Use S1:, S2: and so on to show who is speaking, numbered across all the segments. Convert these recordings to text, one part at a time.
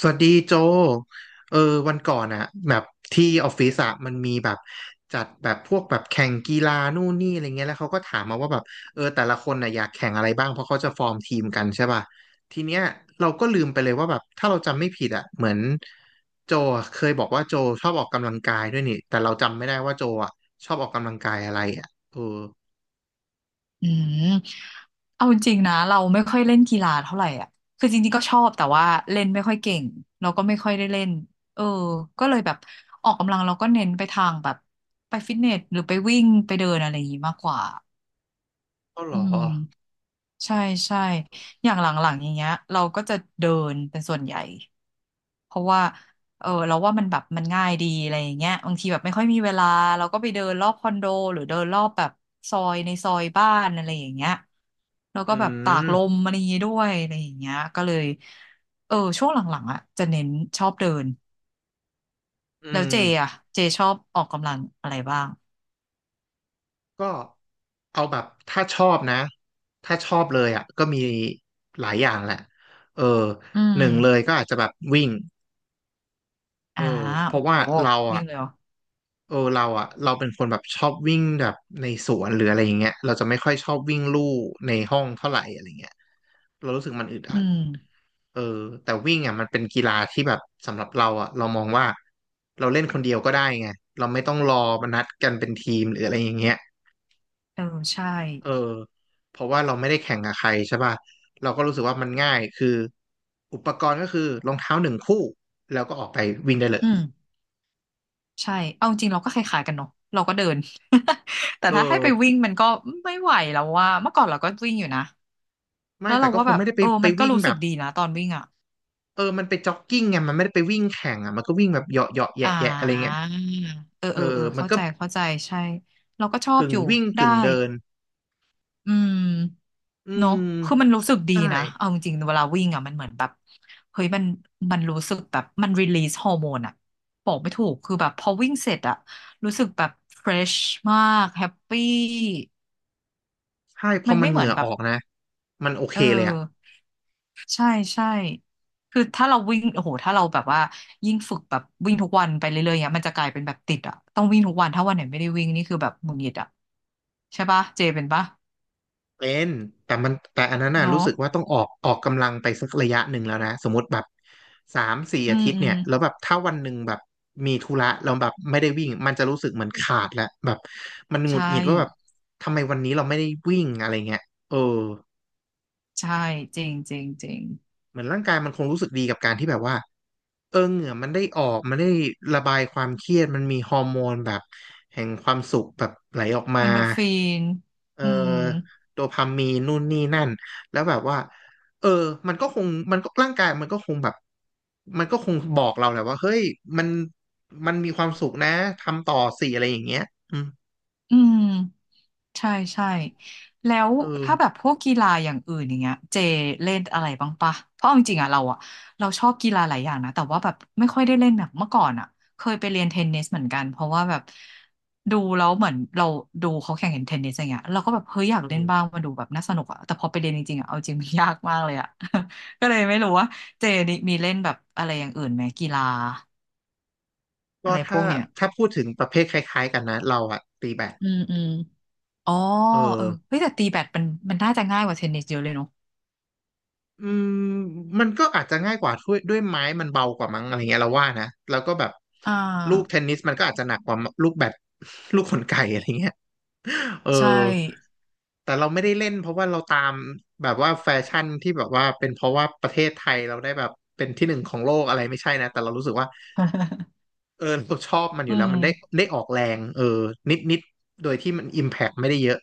S1: สวัสดีโจเออวันก่อนอะแบบที่ออฟฟิศอะมันมีแบบจัดแบบพวกแบบแข่งกีฬานู่นนี่อะไรเงี้ยแล้วเขาก็ถามมาว่าแบบเออแต่ละคนน่ะอยากแข่งอะไรบ้างเพราะเขาจะฟอร์มทีมกันใช่ป่ะทีเนี้ยเราก็ลืมไปเลยว่าแบบถ้าเราจำไม่ผิดอะเหมือนโจอะเคยบอกว่าโจชอบออกกำลังกายด้วยนี่แต่เราจำไม่ได้ว่าโจอะชอบออกกำลังกายอะไรอะเออ
S2: อืมเอาจริงๆนะเราไม่ค่อยเล่นกีฬาเท่าไหร่อ่ะคือจริงๆก็ชอบแต่ว่าเล่นไม่ค่อยเก่งเราก็ไม่ค่อยได้เล่นเออก็เลยแบบออกกำลังเราก็เน้นไปทางแบบไปฟิตเนสหรือไปวิ่งไปเดินอะไรอย่างงี้มากกว่า
S1: ก็หร
S2: อื
S1: อ
S2: มใช่ใช่อย่างหลังๆอย่างเงี้ยเราก็จะเดินเป็นส่วนใหญ่ เพราะว่าเราว่ามันแบบมันง่ายดีอะไรอย่างเงี้ยบางทีแบบไม่ค่อยมีเวลาเราก็ไปเดินรอบคอนโดหรือเดินรอบแบบซอยในซอยบ้านอะไรอย่างเงี้ยแล้ว
S1: อื
S2: ก็แบบตากล
S1: ม
S2: มอะไรอย่างงี้ด้วยอะไรอย่างเงี้ยก็เลยช่วงหลังๆอ่ะจะเน้นชอบเดิน
S1: อื
S2: แล้ว
S1: ม
S2: เจอ่ะเจชอบออกกำลังอะไรบ้าง
S1: ก็ เอาแบบถ้าชอบนะถ้าชอบเลยอ่ะก็มีหลายอย่างแหละเออ
S2: อื
S1: ห
S2: ม
S1: นึ่งเลยก็อาจจะแบบวิ่งเอ
S2: อ่า
S1: อเพ
S2: โอ้
S1: ราะ
S2: โห
S1: ว่าเรา
S2: วิ่
S1: อ่ะ
S2: งเลยเหรอ
S1: เออเราอ่ะเราเป็นคนแบบชอบวิ่งแบบในสวนหรืออะไรอย่างเงี้ยเราจะไม่ค่อยชอบวิ่งลู่ในห้องเท่าไหร่อะไรเงี้ยเรารู้สึกมันอึดอั
S2: อื
S1: ด
S2: ม
S1: เออแต่วิ่งอ่ะมันเป็นกีฬาที่แบบสำหรับเราอ่ะเรามองว่าเราเล่นคนเดียวก็ได้ไงเราไม่ต้องรอมานัดกันเป็นทีมหรืออะไรอย่างเงี้ย
S2: เออใช่
S1: เออเพราะว่าเราไม่ได้แข่งกับใครใช่ป่ะเราก็รู้สึกว่ามันง่ายคืออุปกรณ์ก็คือรองเท้าหนึ่งคู่แล้วก็ออกไปวิ่งได้เลย
S2: อืม ใช่ เอาจริงเราก็คล้ายๆกันเนาะเราก็เดิน แต่
S1: เออ
S2: ถ้าให้ไปวิ่งมันก็ไม่ไหวแล้วว่าเมื่อก่อนเราก็วิ่งอยู่นะ
S1: ไม่
S2: แล้ว
S1: แต่
S2: เรา
S1: ก็
S2: ว่า
S1: ค
S2: แบ
S1: ง
S2: บ
S1: ไม่ได้ไปไป
S2: มันก็
S1: วิ่ง
S2: รู้
S1: แบ
S2: สึก
S1: บ
S2: ดีนะตอนวิ่งอ่ะ
S1: เออมันไปจ็อกกิ้งไงมันไม่ได้ไปวิ่งแข่งอ่ะมันก็วิ่งแบบเหยาะเหยาะ
S2: อ่
S1: แยะแยะอะไรเงี้ย
S2: า
S1: เออมัน
S2: เข้า
S1: ก็
S2: ใจเข้าใจใช่เราก็ชอบ
S1: กึ่ง
S2: อยู่
S1: วิ่ง
S2: ได้
S1: กึ่งเดิน
S2: อืม
S1: อื
S2: เนาะ
S1: ม
S2: คือมันรู้สึกดี
S1: ใช่
S2: นะเอาจริงๆเวลาวิ่งอ่ะมันเหมือนแบบเฮ้ยมันรู้สึกแบบมันรีลีสฮอร์โมนอ่ะบอกไม่ถูก คือแบบพอวิ่งเสร็จอ่ะรู้สึกแบบเฟรชมากแฮปปี้
S1: ใช่พอ
S2: มัน
S1: มัน
S2: ไม่
S1: เห
S2: เหมื
S1: งื่
S2: อน
S1: อ
S2: แบ
S1: อ
S2: บ
S1: อกนะมันโอเค
S2: เออ
S1: เลยอ่ะ
S2: ใช่ใช่คือถ้าเราวิ่งโอ้โหถ้าเราแบบว่ายิ่งฝึกแบบวิ่งทุกวันไปเรื่อยๆเนี้ยมันจะกลายเป็นแบบติดอ่ะต้องวิ่งทุกวันถ้าวันไหนไม่ได้วิ่งนี่คือแบบหงุดหงิดอ่ะใช่ปะเจเป็นปะ
S1: เป็นแต่อันนั้นน่ะ
S2: เนอะ
S1: รู้สึกว่าต้องออกกำลังไปสักระยะหนึ่งแล้วนะสมมติแบบสามสี่
S2: อื
S1: อา
S2: ม
S1: ทิตย์
S2: อื
S1: เนี่
S2: ม
S1: ยแล้วแบบถ้าวันหนึ่งแบบมีธุระเราแล้วแบบไม่ได้วิ่งมันจะรู้สึกเหมือนขาดแล้วแบบมันหงุ
S2: ใช่
S1: ดหงิดว่าแบบทำไมวันนี้เราไม่ได้วิ่งอะไรเงี้ยเออ
S2: ใช่จริงจริงจริง
S1: เหมือนร่างกายมันคงรู้สึกดีกับการที่แบบว่าเออเหงื่อมันได้ออกมันได้ระบายความเครียดมันมีฮอร์โมนแบบแห่งความสุขแบบไหลออก
S2: เอ
S1: มา
S2: นโดฟิน
S1: เออ
S2: อืม
S1: โดพามีนนู่นนี่นั่นแล้วแบบว่าเออมันก็คงมันก็ร่างกายมันก็คงแบบมันก็คงบอกเราแหละว่าเฮ้ยมันมันมีความสุขนะทำต่อสิอะไรอย่างเงี้ยอืม
S2: อืม ใช่ใช่แล้ว
S1: เออ
S2: ถ้าแบบพวกกีฬาอย่างอื่นอย่างเงี้ยเจเล่นอะไรบ้างปะเพราะเอาจริงๆอะเราอะเราชอบกีฬาหลายอย่างนะแต่ว่าแบบไม่ค่อยได้เล่นแบบเมื่อก่อนอะเคยไปเรียนเทนนิสเหมือนกันเพราะว่าแบบดูแล้วเหมือนเราดูเขาแข่งเห็นเทนนิสอย่างเงี้ยเราก็แบบเฮ้ยอยาก
S1: เอ
S2: เล่น
S1: อ
S2: บ้างมาดูแบบน่าสนุกอะแต่พอไปเรียนจริงๆอะเอาจริง มันยากมากเลยอะ ก็เลยไม่รู้ว่าเจนี่มีเล่นแบบอะไรอย่างอื่นไหมกีฬาอะ
S1: ก็
S2: ไรพ
S1: ถ้า
S2: วกเนี้ย
S1: พูดถึงประเภทคล้ายๆกันนะเราอะตีแบด
S2: อืมอืมอ๋อ
S1: เออ
S2: เฮ้ยแต่ตีแบดมันมันน่าจะง่ายกว่าเทนนิสเยอะเลยเนอะ
S1: อืมมันก็อาจจะง่ายกว่าด้วยไม้มันเบากว่ามั้งอะไรเงี้ยเราว่านะแล้วก็แบบ
S2: อ่า
S1: ลูกเทนนิสมันก็อาจจะหนักกว่าลูกแบด ลูกขนไก่อะไรเงี้ยเออ
S2: ใช่
S1: แต่เราไม่ได้เล่นเพราะว่าเราตามแบบว่าแฟชั่นที่แบบว่าเป็นเพราะว่าประเทศไทยเราได้แบบเป็นที่หนึ่งของโลกอะไรไม่ใช่นะแต่เรารู้สึกว่า เออเราชอบมันอ
S2: อื
S1: ยู่แล้ว
S2: ม
S1: มันได้ได้ออกแรงเออนิดนิดโดยที่มันอิมแพ t ไม่ได้เยอะ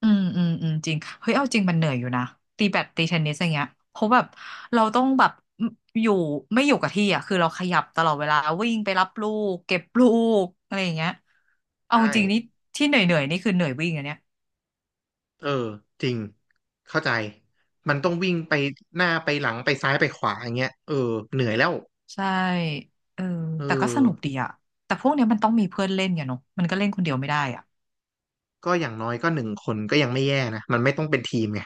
S2: อืมอืมอืมจริงเฮ้ยเอาจริงมันเหนื่อยอยู่นะตีแบดตีเทนนิสอย่างเงี้ยเพราะแบบเราต้องแบบอยู่ไม่อยู่กับที่อ่ะคือเราขยับตลอดเวลาวิ่งไปรับลูกเก็บลูกอะไรอย่างเงี้ยเอา
S1: ใช่
S2: จริงนี่ที่เหนื่อยเหนื่อยนี่คือเหนื่อยวิ่งอันเนี้ย
S1: เออจริงเข้าใจมันต้องวิ่งไปหน้าไปหลังไปซ้ายไปขวาอย่างเงี้ยเออเหนื่อยแล้ว
S2: ใช่เออ
S1: เออ
S2: แต่ก็สนุกดีอ่ะแต่พวกเนี้ยมันต้องมีเพื่อนเล่นอย่เนาะมันก็เล่นคนเดียวไม่ได้อ่ะ
S1: ก็อย่างน้อยก็หนึ่งคนก็ยังไม่แย่นะมันไม่ต้องเป็นทีมไง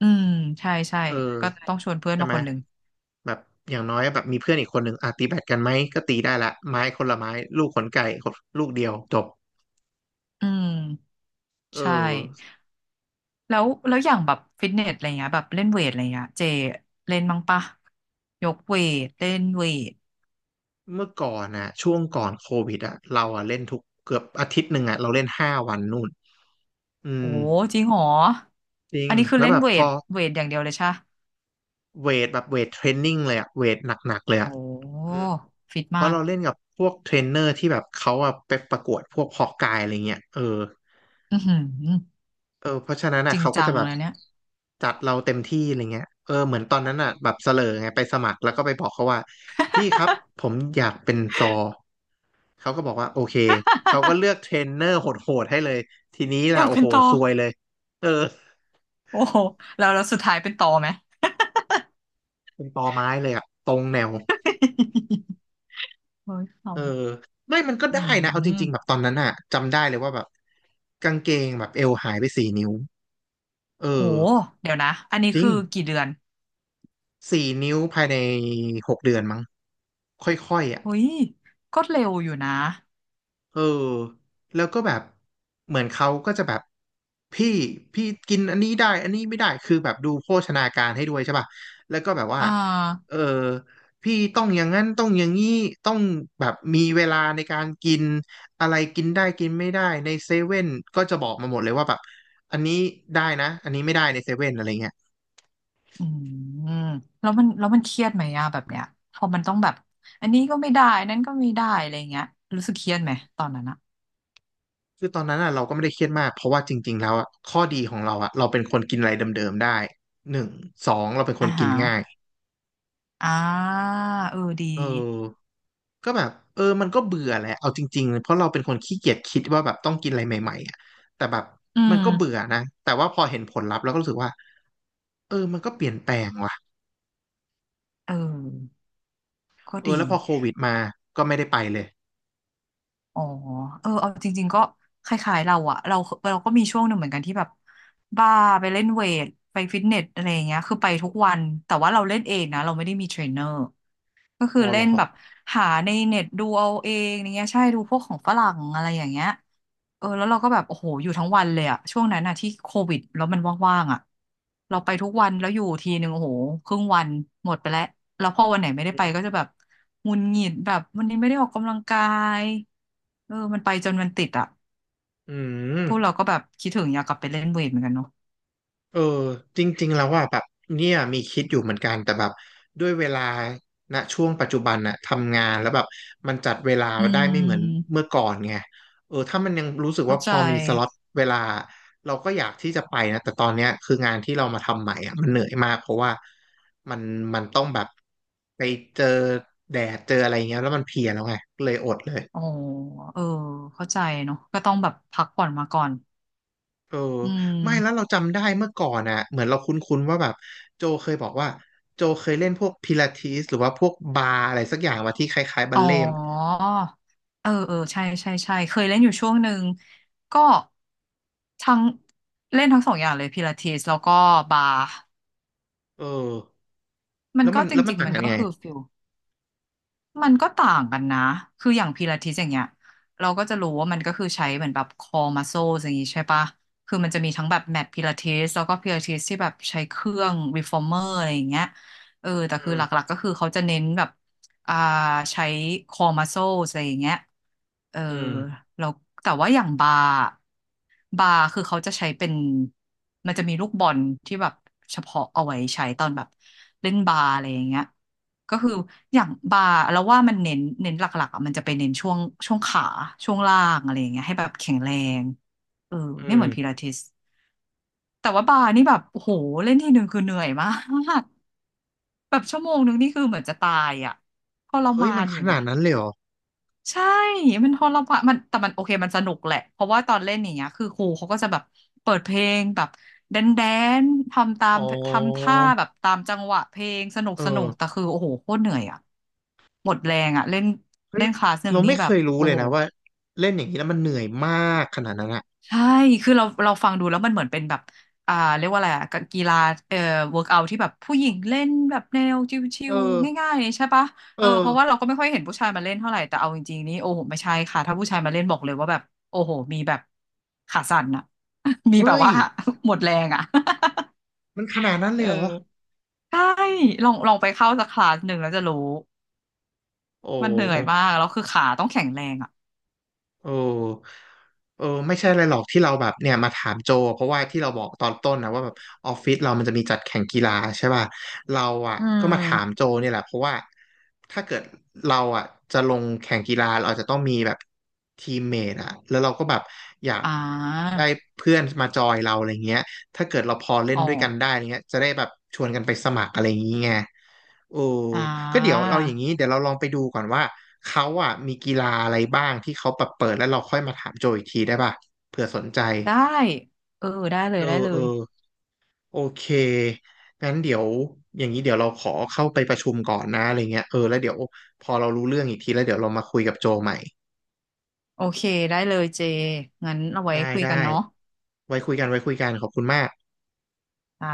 S2: อืมใช่ใช่
S1: เอ
S2: ก็ต้
S1: อ
S2: องชวนเพื่อน
S1: ใช่
S2: มา
S1: ไหม
S2: คนหนึ่ง
S1: แบบอย่างน้อยแบบมีเพื่อนอีกคนหนึ่งอ่ะตีแบดกันไหมก็ตีได้ละไม้คนละไม้ลูกขนไก่คนลูกเดียวจบ
S2: อืม
S1: เอ
S2: ใช่
S1: อ
S2: แล้วแล้วอย่างแบบฟิตเนสอะไรเงี้ยแบบเล่นเวทอะไรเงี้ยเจเล่นมั้งปะยกเวทเล่นเวท
S1: เมื่อก่อนนะช่วงก่อนโควิดอะเราอะเล่นทุกเกือบอาทิตย์หนึ่งอะเราเล่น5 วันนู่นอื
S2: โอ้
S1: ม
S2: จริงเหรอ
S1: จริง
S2: อันนี้คือ
S1: แล้ว
S2: เล่
S1: แบ
S2: น
S1: บ
S2: เว
S1: พอ
S2: ทเวทอย่างเดียวเลยใช่ปะ
S1: เวทแบบเวทเทรนนิ่งเลยอะเวทหนักๆเลยอะ
S2: โอ้
S1: อืม
S2: ฟิต
S1: เพ
S2: มา
S1: ราะ
S2: ก
S1: เราเล่นกับพวกเทรนเนอร์ที่แบบเขาอะไปประกวดพวกฮอกกายอะไรเงี้ยเออ
S2: อือหือ
S1: เออเพราะฉะนั้นอะ
S2: จริง
S1: เขาก็
S2: จั
S1: จะ
S2: ง
S1: แบบ
S2: เลยเนี่ย
S1: จัดเราเต็มที่อะไรเงี้ยเออเหมือนตอนนั้นอะแบบเสลอไงไปสมัครแล้วก็ไปบอกเขาว่าพี่ครับผมอยากเป็นซอเขาก็บอกว่าโอเคเขาก็เลือกเทรนเนอร์โหดๆให้เลยทีนี้
S2: อ
S1: ล่ะ
S2: ยาก
S1: โอ้
S2: เป็น
S1: โห
S2: ต่อ
S1: ซวยเลยเออ
S2: โอ้โหแล้วแล้วสุดท้ายเป็นต่อไหม
S1: เป็นตอไม้เลยอะตรงแนว
S2: โอ้ยข
S1: เออ
S2: ำ
S1: ไม่มันก็
S2: อื
S1: ได้นะเอาจ
S2: ม
S1: ริงๆแบบตอนนั้นอะจำได้เลยว่าแบบกางเกงแบบเอวหายไปสี่นิ้วเออ
S2: โหเดี๋ยวนะอันนี้
S1: จริ
S2: คื
S1: ง
S2: อกี่เดือน
S1: สี่นิ้วภายใน6 เดือนมั้งค่อยๆอ่ะ
S2: เฮ้ยก็เร็วอยู่นะ
S1: เออแล้วก็แบบเหมือนเขาก็จะแบบพี่พี่กินอันนี้ได้อันนี้ไม่ได้คือแบบดูโภชนาการให้ด้วยใช่ป่ะแล้วก็แบบว่า
S2: อ่
S1: เอ
S2: า
S1: อพี่ต้องอย่างนั้นต้องอย่างนี้ต้องแบบมีเวลาในการกินอะไรกินได้กินไม่ได้ในเซเว่นก็จะบอกมาหมดเลยว่าแบบอันนี้ได้นะอันนี้ไม่ได้ในเซเว่นอะไรเงี้ย
S2: อืมแล้วมันแล้วมันเครียดไหมอะแบบเนี้ยพอมันต้องแบบอันนี้ก็ไม่ได้อันนั้นก็ไม่ได้อะไรเงี้ยรู้สึกเครียดไหมตอนนั้นอะ
S1: คือตอนนั้นอ่ะเราก็ไม่ได้เครียดมากเพราะว่าจริงๆแล้วอ่ะข้อดีของเราอ่ะเราเป็นคนกินอะไรเดิมๆได้หนึ่งสองเราเป็นค
S2: อ่า
S1: นกิน
S2: ฮะ
S1: ง่าย
S2: อ่าดี
S1: เออก็แบบเออมันก็เบื่อแหละเอาจริงๆ เพราะเราเป็นคนขี้เกียจคิดว่าแบบต้องกินอะไรใหม่ๆอ่ะแต่แบบ
S2: อื
S1: มัน
S2: ม
S1: ก็เบื่อนะ แต่ว่าพอเห็นผลลัพธ์แล้วก็รู้สึกว่าเออมันก็เปลี่ยนแปลงว่ะ
S2: เออก็
S1: เออ
S2: ดี
S1: แล้วพอโควิดมาก็ไม่ได้ไปเลย
S2: อ๋อเอาจริงๆก็คล้ายๆเราอะเราเราก็มีช่วงหนึ่งเหมือนกันที่แบบบ้าไปเล่นเวทไปฟิตเนสอะไรอย่างเงี้ยคือไปทุกวันแต่ว่าเราเล่นเองนะเราไม่ได้มีเทรนเนอร์ก็คือ
S1: อ๋อเห
S2: เล่
S1: รอ
S2: นแบบหาในเน็ตดูเอาเองอย่างเงี้ยใช่ดูพวกของฝรั่งอะไรอย่างเงี้ย แล้วเราก็แบบโอ้โหอยู่ทั้งวันเลยอะช่วงนั้นอะที่โควิดแล้วมันว่างๆอะเราไปทุกวันแล้วอยู่ทีหนึ่งโอ้โหครึ่งวันหมดไปแล้วแล้วพอวันไหนไม่ได้ไปก็จะแบบหงุดหงิดแบบวันนี้ไม่ได้ออกกำลังกายมันไปจนมันติดอะ
S1: อืม
S2: พวกเราก็แบบคิดถึงอยากกลับไปเล่นเวทเหมือนกันเนาะ
S1: เออจริงๆแล้วว่าแบบเนี่ยมีคิดอยู่เหมือนกันแต่แบบด้วยเวลาณช่วงปัจจุบันน่ะทำงานแล้วแบบมันจัดเวลา
S2: อื
S1: ได้ไม่เหมือน
S2: ม
S1: เมื่อก่อนไงเออถ้ามันยังรู้สึก
S2: เข้า
S1: ว่าพ
S2: ใจ
S1: อมีสล็อตเวลาเราก็อยากที่จะไปนะแต่ตอนเนี้ยคืองานที่เรามาทำใหม่อ่ะมันเหนื่อยมากเพราะว่ามันมันต้องแบบไปเจอแดดเจออะไรเงี้ยแล้วมันเพลียแล้วไงเลยอดเลย
S2: อ๋อเออเข้าใจเนาะก็ต้องแบบพักผ่อนมาก่อน
S1: เออ
S2: อื
S1: ไม่แล้วเรา
S2: ม
S1: จำได้เมื่อก่อนอ่ะเหมือนเราคุ้นๆว่าแบบโจเคยบอกว่าโจเคยเล่นพวกพิลาทิสหรือว่าพวกบาร์อะไรสักอย่างมาที่คล้ายๆบั
S2: อ๋อ
S1: ลเล่ม
S2: เออเออ ใช่ใช่ใช่เคยเล่นอยู่ช่วงหนึ่ง ก็ทั้งเล่นทั้งสองอย่างเลยพิลาทิสแล้วก็บาร์
S1: เออ
S2: มัน
S1: แล้ว
S2: ก็
S1: มัน
S2: จ
S1: แล้วมัน
S2: ริง
S1: ต่า
S2: ๆ
S1: ง
S2: มัน
S1: กัน
S2: ก็
S1: ไง
S2: คือฟิล มันก็ต่างกันนะ คืออย่างพิลาทิสอย่างเงี้ยเราก็จะรู้ว่ามันก็คือใช้เหมือนแบบ core muscles อย่างงี้ใช่ปะคือมันจะมีทั้งแบบแมทพิลาทิสแล้วก็พิลาทิสที่แบบใช้เครื่อง reformer อะไรอย่างเงี้ยเออแต่คือหลักๆก็คือเขาจะเน้นแบบอ่าใช้ core muscles อะไรอย่างเงี้ยเออ
S1: อืม
S2: แล้วแต่ว่าอย่างบาร์บาร์คือเขาจะใช้เป็นมันจะมีลูกบอลที่แบบเฉพาะเอาไว้ใช้ตอนแบบเล่นบาร์อะไรอย่างเงี้ย ก็คืออย่างบาร์แล้วว่ามันเน้นหลักๆอะมันจะไปเน้นช่วงขาช่วงล่างอะไรอย่างเงี้ยให้แบบแข็งแรงเออ
S1: อื
S2: ไม่
S1: ม
S2: เหมือนพิลาทิสแต่ว่าบาร์นี่แบบโอ้โหเล่นทีหนึ่งคือเหนื่อยมากแบบชั่วโมงหนึ่งนี่คือเหมือนจะตายอ่ะทร
S1: เฮ้ย
S2: มา
S1: มั
S2: น
S1: น
S2: อ
S1: ข
S2: ยู่
S1: นา
S2: นะ
S1: ดนั้นเลยเหรอ
S2: ใช่มันทรมานมันแต่มันโอเคมันสนุกแหละ เพราะว่าตอนเล่นอย่างเงี้ยคือครูเขาก็จะแบบเปิดเพลงแบบแดนแดนทำตา
S1: อ๋
S2: ม
S1: อ
S2: ทำท่าแบบตามจังหวะเพลงสนุก
S1: เอ
S2: สนุ
S1: อ
S2: กแต่คือโอ้โหโคตรเหนื่อยอ่ะ หมดแรงอ่ะเล่น
S1: เฮ้ย
S2: เล่นคลาสหนึ่ง
S1: เรา
S2: นี้
S1: ไม่
S2: แบ
S1: เค
S2: บ
S1: ยรู้
S2: โอ้
S1: เลย
S2: โห
S1: นะว่าเล่นอย่างนี้แล้วมันเหนื่อยมากขนาดนั้นอ่ะ
S2: ใช่คือเราฟังดูแล้วมันเหมือนเป็นแบบอ่าเรียกว่าอะไรอะกกีฬาเอ่อเวิร์กเอาที่แบบผู้หญิงเล่นแบบแนวชิ
S1: เอ
S2: ว
S1: อ
S2: ๆง่ายๆเนี่ยใช่ปะ
S1: เอ
S2: เออ
S1: อ
S2: เพราะว่าเราก็ไม่ค่อยเห็นผู้ชายมาเล่นเท่าไหร่แต่เอาจริงๆนี่โอ้โหไม่ใช่ค่ะถ้าผู้ชายมาเล่นบอกเลยว่าแบบโอ้โหมีแบบขาสั่นอะ มีแบบ
S1: เฮ้ย
S2: ว่า หมดแรงอะ
S1: มันขนา ดนั้นเล
S2: เอ
S1: ย
S2: อ
S1: เหรอ
S2: ใช่ลองไปเข้าสักคลาสหนึ่งแล้วจะรู้
S1: โอ
S2: มันเหนื่อยมา
S1: ้
S2: กแล้วคือขาต้องแข็งแรงอะ
S1: เออเออไม่ใช่อะไรหรอกที่เราแบบเนี่ยมาถามโจเพราะว่าที่เราบอกตอนต้นนะว่าแบบออฟฟิศเรามันจะมีจัดแข่งกีฬาใช่ป่ะเราอ่ะ
S2: อื
S1: ก็มาถามโจ
S2: ม
S1: เนี่ยแหละเพราะว่าถ้าเกิดเราอ่ะจะลงแข่งกีฬาเราอาจจะต้องมีแบบทีมเมทอ่ะแล้วเราก็แบบอยาก
S2: อ่า
S1: ได้เพื่อนมาจอยเราอะไรเงี้ยถ้าเกิดเราพอเล่น
S2: อ๋อ
S1: ด้วยกันได้อะไรเงี้ยจะได้แบบชวนกันไปสมัครอะไรอย่างเงี้ย โอ้
S2: อ่
S1: ก็เดี๋ยวเอาอย่างนี้
S2: า
S1: เดี๋ยวเราลองไปดูก่อนว่าเขาอ่ะมีกีฬาอะไรบ้างที่เขาแบบเปิดแล้วเราค่อยมาถามโจอีกทีได้ป่ะเผื่อสนใจ
S2: ได้เออได้เล
S1: เอ
S2: ย
S1: อ
S2: ได้เล
S1: เออ
S2: ย
S1: โอเคงั้นเดี๋ยวอย่างนี้เดี๋ยวเราขอเข้าไปประชุมก่อนนะอะไรเงี้ยเออแล้วเดี๋ยวพอเรารู้เรื่องอีกทีแล้วเดี๋ยวเรามาคุยกับโจใหม่
S2: โอเคได้เลยเจงั้นเอาไว้
S1: ได้
S2: คุย
S1: ได้
S2: กันเนาะ
S1: ไว้คุยกันไว้คุยกันขอบคุณมาก
S2: จ้า